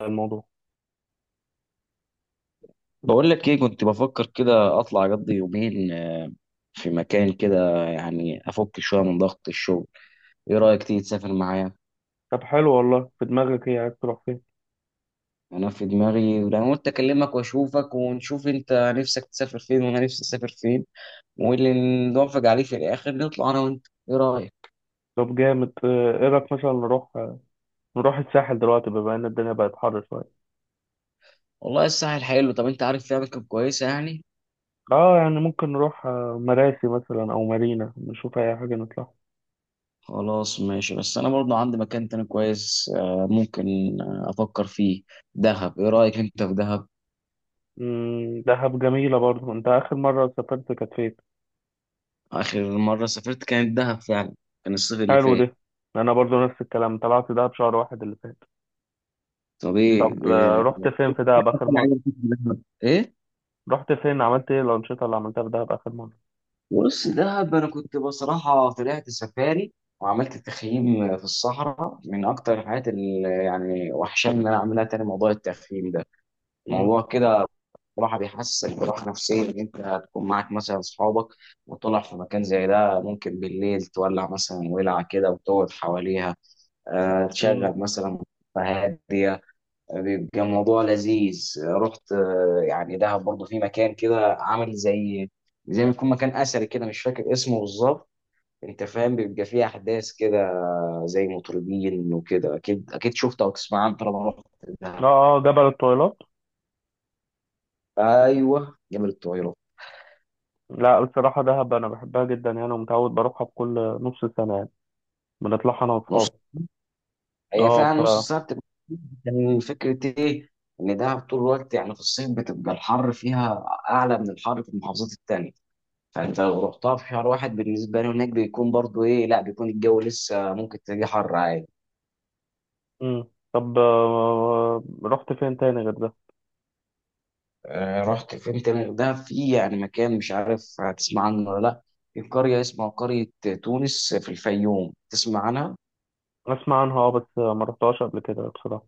الموضوع. بقول لك ايه، كنت بفكر كده اطلع اقضي يومين في مكان كده يعني افك شويه من ضغط الشغل. ايه رايك تيجي تسافر معايا؟ طب حلو والله، في دماغك ايه، عايز تروح فين؟ انا في دماغي، انا قلت اكلمك واشوفك ونشوف انت نفسك تسافر فين وانا نفسي اسافر فين، واللي نوافق عليه في الاخر نطلع انا وانت. ايه رايك؟ طب جامد. ايه رايك مثلا نروح الساحل دلوقتي بما ان الدنيا بقت حر شويه. والله الساحل حلو. طب انت عارف فيها اماكن كويسه يعني؟ اه يعني ممكن نروح مراسي مثلا او مارينا، نشوف اي حاجه نطلع. خلاص ماشي، بس انا برضه عندي مكان تاني كويس ممكن افكر فيه. دهب، ايه رايك انت في دهب؟ دهب جميله برضو. انت اخر مره سافرت كانت فين؟ آخر مرة سافرت كانت دهب فعلا. كان الصيف اللي حلو فات. ده. انا برضو نفس الكلام، طلعت دهب شهر واحد اللي فات. طب إيه طب إيه رحت فين في دهب أكتر اخر حاجة مره؟ عجبتك في دهب؟ إيه؟ رحت فين، عملت ايه الانشطه اللي عملتها في دهب اخر مره؟ بص، دهب أنا كنت بصراحة طلعت سفاري وعملت تخييم في الصحراء. من أكتر الحاجات اللي يعني وحشاني إن أنا أعملها تاني موضوع التخييم ده، امم. موضوع كده. بصراحة بيحسسك براحة نفسية، إن أنت هتكون معاك مثلا أصحابك وتطلع في مكان زي ده، ممكن بالليل تولع مثلا ولعة كده وتقعد حواليها امم. تشغل مثلا هادية. بيبقى الموضوع لذيذ. رحت يعني دهب برضه في مكان كده عامل زي ما يكون مكان أثري كده، مش فاكر اسمه بالظبط. أنت فاهم، بيبقى فيه أحداث كده زي مطربين وكده. أكيد أكيد شفت أو تسمع عنه طالما رحت اه، دهب. اه، جبل الطويلات. أيوه، جبل الطويلة. لا بصراحة، دهب أنا بحبها جدا يعني ومتعود بروحها بكل نص سنة يعني، بنطلعها أنا نص. وأصحابي. هي أه ف فعلا نص الساعة بتبقى. كان فكرة إيه، إن دهب طول الوقت يعني في الصيف بتبقى الحر فيها أعلى من الحر في المحافظات التانية. فانت لو رحتها في شهر واحد بالنسبه له هناك بيكون برضو ايه، لا بيكون الجو لسه ممكن تلاقيه حر عادي. مم. طب رحت فين تاني غير ده؟ رحت فين تاني؟ ده في يعني مكان مش عارف هتسمع عنه ولا لا. في قريه اسمها قريه تونس في الفيوم، تسمع عنها؟ أسمع عنها أه، بس ما رحتهاش قبل كده بصراحة.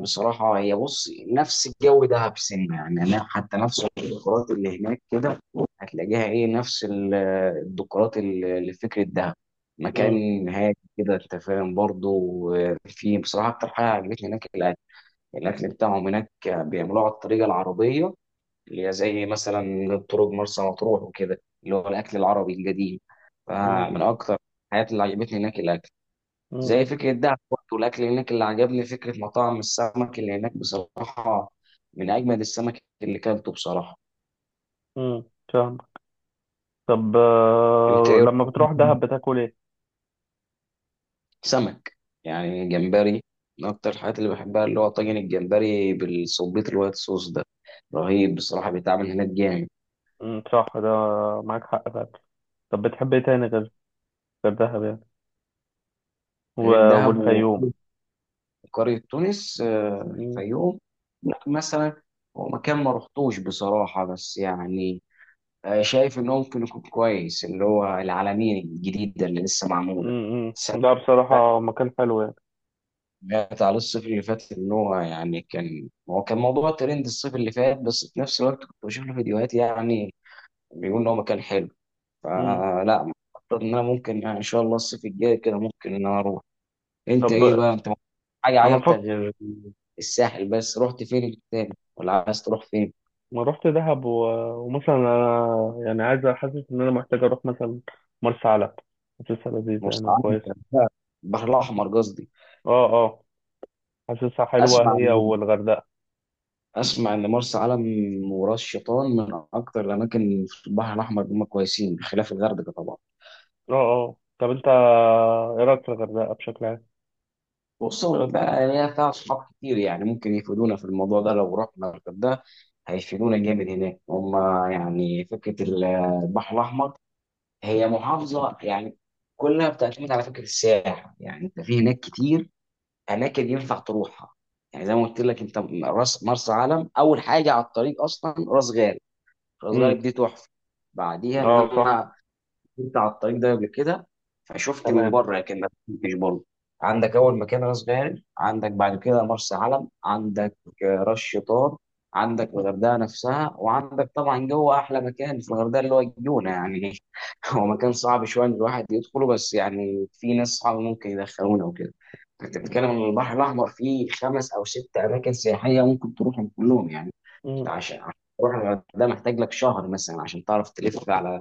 بصراحه هي بص نفس الجو دهب سنه، يعني أنا حتى نفس الديكورات اللي هناك كده هتلاقيها ايه نفس الديكورات اللي في فكره دهب. مم. مكان هادي كده، انت فاهم برضه. في بصراحه اكتر حاجه عجبتني هناك الاكل بتاعهم هناك، بيعملوه على الطريقه العربيه اللي هي زي مثلا طرق مرسى مطروح وكده، اللي هو الاكل العربي القديم. مم. فمن اكتر الحاجات اللي عجبتني هناك الاكل. مم. زي فكره ده برضه الاكل هناك، اللي عجبني فكره مطاعم السمك اللي هناك بصراحه. من اجمد السمك اللي كلته بصراحه. مم. فاهم. طب انت ايه رأيك؟ لما بتروح دهب بتاكل إيه؟ سمك، يعني جمبري. من اكتر الحاجات اللي بحبها اللي هو طاجن الجمبري بالصبيط الوايت صوص ده، رهيب بصراحه بيتعمل هناك جامد. مم. صح ده، معاك حق فعلا. طب بتحب إيه تاني غير دهب يعني؟ و... غير دهب، والفيوم. قرية تونس مم. الفيوم. لا مثلا، هو مكان ما رحتوش بصراحة بس يعني شايف إنه ممكن يكون كويس اللي هو العلمين الجديدة اللي لسه معمولة مم. مم. السنة لا بصراحة مكان حلو يعني. اللي فاتت على الصيف اللي فات. إن هو يعني كان موضوع ترند الصيف اللي فات، بس في نفس الوقت كنت بشوف له فيديوهات يعني بيقول إن هو مكان حلو، مم. فلا. أعتقد إن أنا ممكن يعني إن شاء الله الصيف الجاي كده ممكن إن أنا أروح. انت طب ايه بقى، انت حاجه أنا عجبتك بفكر. غير الساحل؟ بس رحت فين تاني ولا عايز تروح فين؟ ما رحت دهب ومثلا انا يعني، عايز، حاسس ان انا محتاج اروح مثلا مرسى علم. حاسسها لذيذه مرسى يعني علم، وكويسه. الغردقة، البحر الاحمر قصدي. اه، اه، حاسسها حلوه اسمع هي ان والغردقه. اسمع ان مرسى علم وراس شيطان من اكتر الاماكن في البحر الاحمر، هم كويسين بخلاف الغردقه طبعا. اه، اه، طب انت ايه رايك في الغردقه بشكل عام؟ وخصوصا الغردقه يعني، هي فيها اصحاب كتير يعني، ممكن يفيدونا في الموضوع ده لو رحنا الغردقه. هيفيدونا جامد هناك هم. يعني فكره البحر الاحمر، هي محافظة يعني كلها بتعتمد على فكرة السياحة. يعني انت في هناك كتير اماكن ينفع تروحها. يعني زي ما قلت لك انت، راس مرسى علم اول حاجة على الطريق اصلا راس غارب. راس امم. غارب دي تحفة. بعديها ان اه صح. انا كنت على الطريق ده قبل كده فشفت من تمام. بره، لكن ما كنتش برضه. عندك اول مكان راس غارب، عندك بعد كده مرسى علم، عندك راس شيطان، عندك الغردقه نفسها، وعندك طبعا جوه احلى مكان في الغردقه اللي هو الجونه يعني هو مكان صعب شويه ان الواحد يدخله، بس يعني في ناس صعب ممكن يدخلونا وكده. انت بتتكلم ان البحر الاحمر فيه خمس او ست اماكن سياحيه ممكن تروحهم كلهم يعني. امم. عشان تروح الغردقه محتاج لك شهر مثلا، عشان تعرف تلف على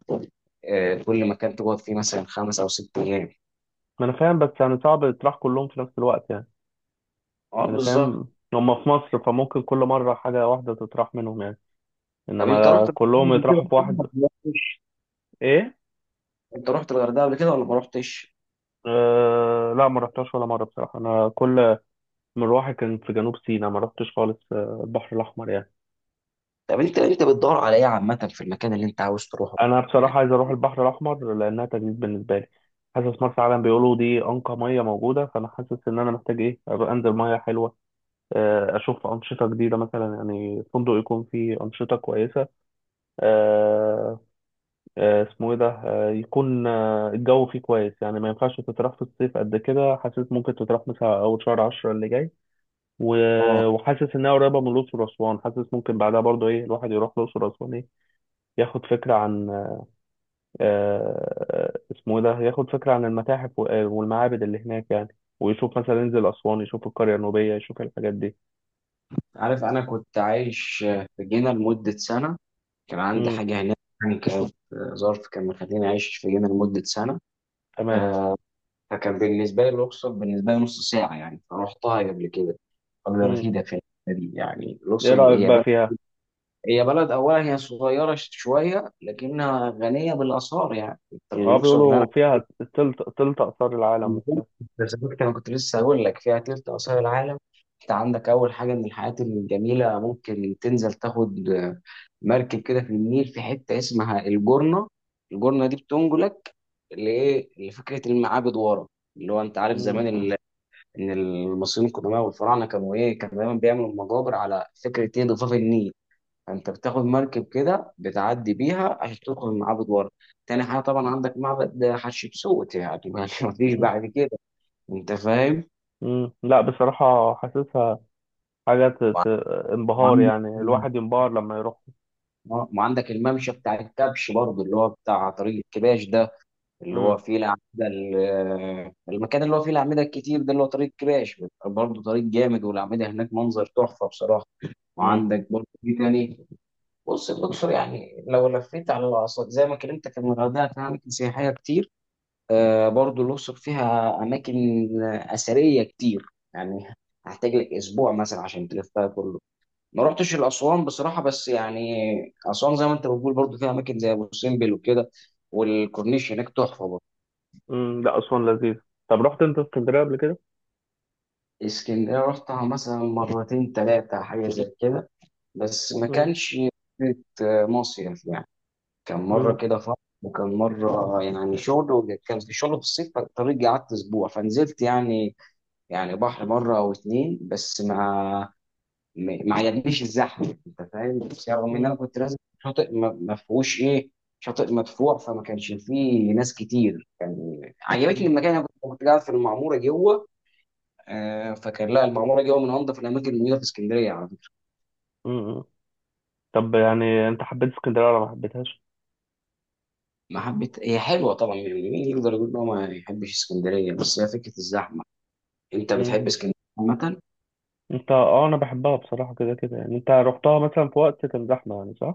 كل مكان تقعد فيه مثلا 5 أو 6 ايام. ما انا فاهم بس يعني صعب تطرح كلهم في نفس الوقت يعني. اه، انا بالظبط. فاهم. هم في مصر فممكن كل مره حاجه واحده تطرح منهم يعني، طب انت انما رحت الغردقة كلهم قبل كده يطرحوا في ولا واحد. ما رحتش؟ ايه. انت رحت الغردقه قبل كده ولا ما رحتش؟ آه لا، ما رحتهاش ولا مره بصراحه. انا كل مروحي كان في جنوب سيناء، ما رحتش خالص البحر الأحمر يعني. طب انت بتدور على ايه عامه في المكان اللي انت عاوز تروحه؟ أنا يعني بصراحة عايز أروح البحر الأحمر لأنها تجديد بالنسبة لي. حاسس مرسى علم بيقولوا دي أنقى مية موجودة، فأنا حاسس إن أنا محتاج إيه أبقى أنزل مية حلوة. أشوف أنشطة جديدة مثلا يعني، فندق يكون فيه أنشطة كويسة. آه، اسمه إيه ده، يكون الجو فيه كويس يعني. ما ينفعش تتراح في الصيف قد كده، حاسس ممكن تتراح مثلا أول شهر عشرة اللي جاي. اه، و- وحاسس انها قريبه من الاقصر واسوان، حاسس ممكن بعدها برضو ايه الواحد يروح الاقصر واسوان، ايه ياخد فكره عن آه، اسمه ايه ده ياخد فكره عن المتاحف والمعابد اللي هناك يعني، ويشوف مثلا ينزل اسوان يشوف القريه النوبيه يشوف الحاجات دي. عارف انا كنت عايش في جنة لمده سنه. كان عندي امم. حاجه هناك، يعني كانت ظرف كان مخليني عايش في جنة لمده سنه. تمام. آه، فكان بالنسبه لي الاقصر بالنسبه لي نص ساعه، يعني فرحتها قبل كده قبل امم. رفيده في الحتة دي. يعني ايه الاقصر رايك هي بقى فيها؟ هي بلد أولا، هي صغيرة شوية لكنها غنية بالآثار. يعني أنت اه، الأقصر اللي بيقولوا أنا، فيها تلت اثار العالم وبتاع. بالظبط أنا كنت لسه هقول لك فيها تلت آثار العالم. أنت عندك أول حاجة من الحاجات الجميلة، ممكن تنزل تاخد مركب كده في النيل في حتة اسمها الجرنة. الجرنة دي بتنقلك لإيه، لفكرة المعابد ورا. اللي هو أنت عارف امم. زمان إن المصريين القدماء والفراعنة كانوا إيه، كانوا دايما بيعملوا مقابر على فكرة إيه ضفاف النيل. انت بتاخد مركب كده بتعدي بيها عشان تدخل معبد ورا. تاني حاجه طبعا عندك معبد حتشبسوت، يعني مفيش امم. بعد كده، انت فاهم. امم. لا بصراحه، حاسسها حاجه انبهار وعندك يعني، الواحد ينبهر لما يروح. وعندك الممشى بتاع الكبش برضه اللي هو بتاع طريق الكباش ده. اللي هو فيه الأعمدة، المكان اللي هو فيه الأعمدة الكتير ده، اللي هو طريق الكباش برضه. طريق جامد والأعمدة هناك منظر تحفة بصراحة. امم. وعندك برضه في تاني. بص، الأقصر يعني لو لفيت على الأقصر زي ما كلمتك إن الغردقة فيها أماكن سياحية كتير، برضو الأقصر فيها أماكن أثرية كتير يعني. هحتاج لك أسبوع مثلا عشان تلفها كله. ما رحتش الأسوان بصراحة، بس يعني أسوان زي ما أنت بتقول برضو فيها أماكن زي أبو سمبل وكده، والكورنيش هناك تحفة برضو. مم. لا أسوان لذيذ. طب رحت أنت اسكندرية قبل كده؟ اسكندرية رحتها مثلا مرتين تلاتة حاجة زي كده، بس ما مم. كانش فكرة مصيف يعني. كان مرة مم. كده فرح، وكان مرة يعني شغل، وكان في شغل في الصيف فالطريق قعدت أسبوع فنزلت يعني، يعني بحر مرة أو اتنين، بس ما عجبنيش الزحمة، أنت فاهم. بس رغم إن مم. أنا كنت لازم شاطئ، ما فيهوش إيه، شاطئ مدفوع فما كانش فيه ناس كتير. عجبتني مم. المكان، أنا كنت قاعد في المعمورة جوه. فكان لا، المعمورة جوه من أنظف الأماكن الموجودة في اسكندرية على فكرة. مم. طب يعني أنت حبيت اسكندرية ولا ما حبيتهاش؟ ما حبيت، هي حلوة طبعا، يعني مين يقدر يقول إن هو ما يحبش اسكندرية، بس هي فكرة الزحمة. أنت مم. بتحب اسكندرية عامة؟ أنت أه أنا بحبها بصراحة كده كده يعني، أنت رحتها مثلا في وقت كان زحمة يعني صح؟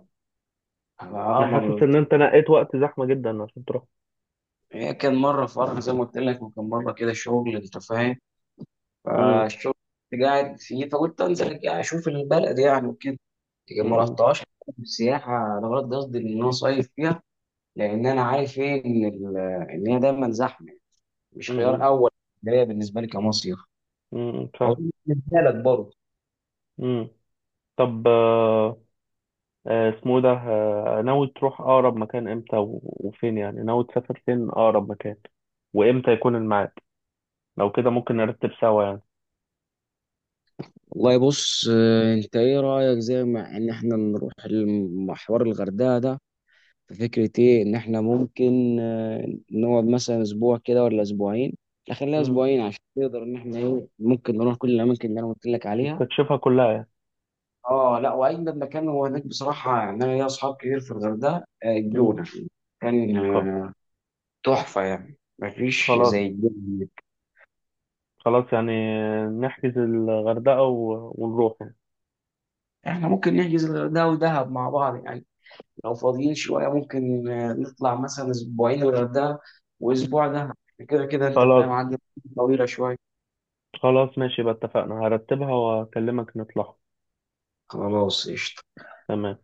أنا أنا حاسس إن مرة- أنت نقيت وقت زحمة جدا عشان تروح. هي كان مرة فرح زي ما قلت لك، وكان مرة كده شغل، أنت فاهم. مم. فالشغل كنت قاعد فيه فقلت انزل كده اشوف البلد يعني وكده. لكن ما مم. رحتهاش السياحه، انا غلط قصدي ان انا صيف فيها، لان انا عارف ايه ان ان هي دايما زحمه، مش خيار مم. اول ليا، بالنسبه لي كمصيف. مم. فاهم. أظن بالنسبه لك برضه. مم. طب آه، آه، اسمه ده آه، ناوي تروح أقرب مكان إمتى و- وفين يعني، ناوي تسافر فين أقرب مكان، وإمتى يكون الميعاد؟ لو كده ممكن نرتب سوا يعني. والله بص، انت ايه رايك زي ما ان احنا نروح المحور الغردقه ده؟ ففكرة ايه ان احنا ممكن نقعد مثلا اسبوع كده ولا اسبوعين؟ لا خليها مم. اسبوعين عشان نقدر ان احنا ايه ممكن نروح كل الاماكن اللي انا قلت لك عليها. تستكشفها كلها يعني. اه لا، واجمد مكان هو هناك بصراحة، يعني انا ليا اصحاب كتير في الغردقة مم. الجونة كان خ- تحفة، يعني مفيش خلاص، زي الجونة. خلاص يعني، نحجز الغردقة ونروح يعني. احنا ممكن نحجز الغردقة ودهب مع بعض يعني، لو فاضيين شوية ممكن نطلع مثلا اسبوعين الغردقة واسبوع دهب. كده كده انت خلاص، فاهم عندي طويلة شوية. خلاص ماشي بقى، اتفقنا. هرتبها واكلمك نطلع. خلاص، قشطة. تمام.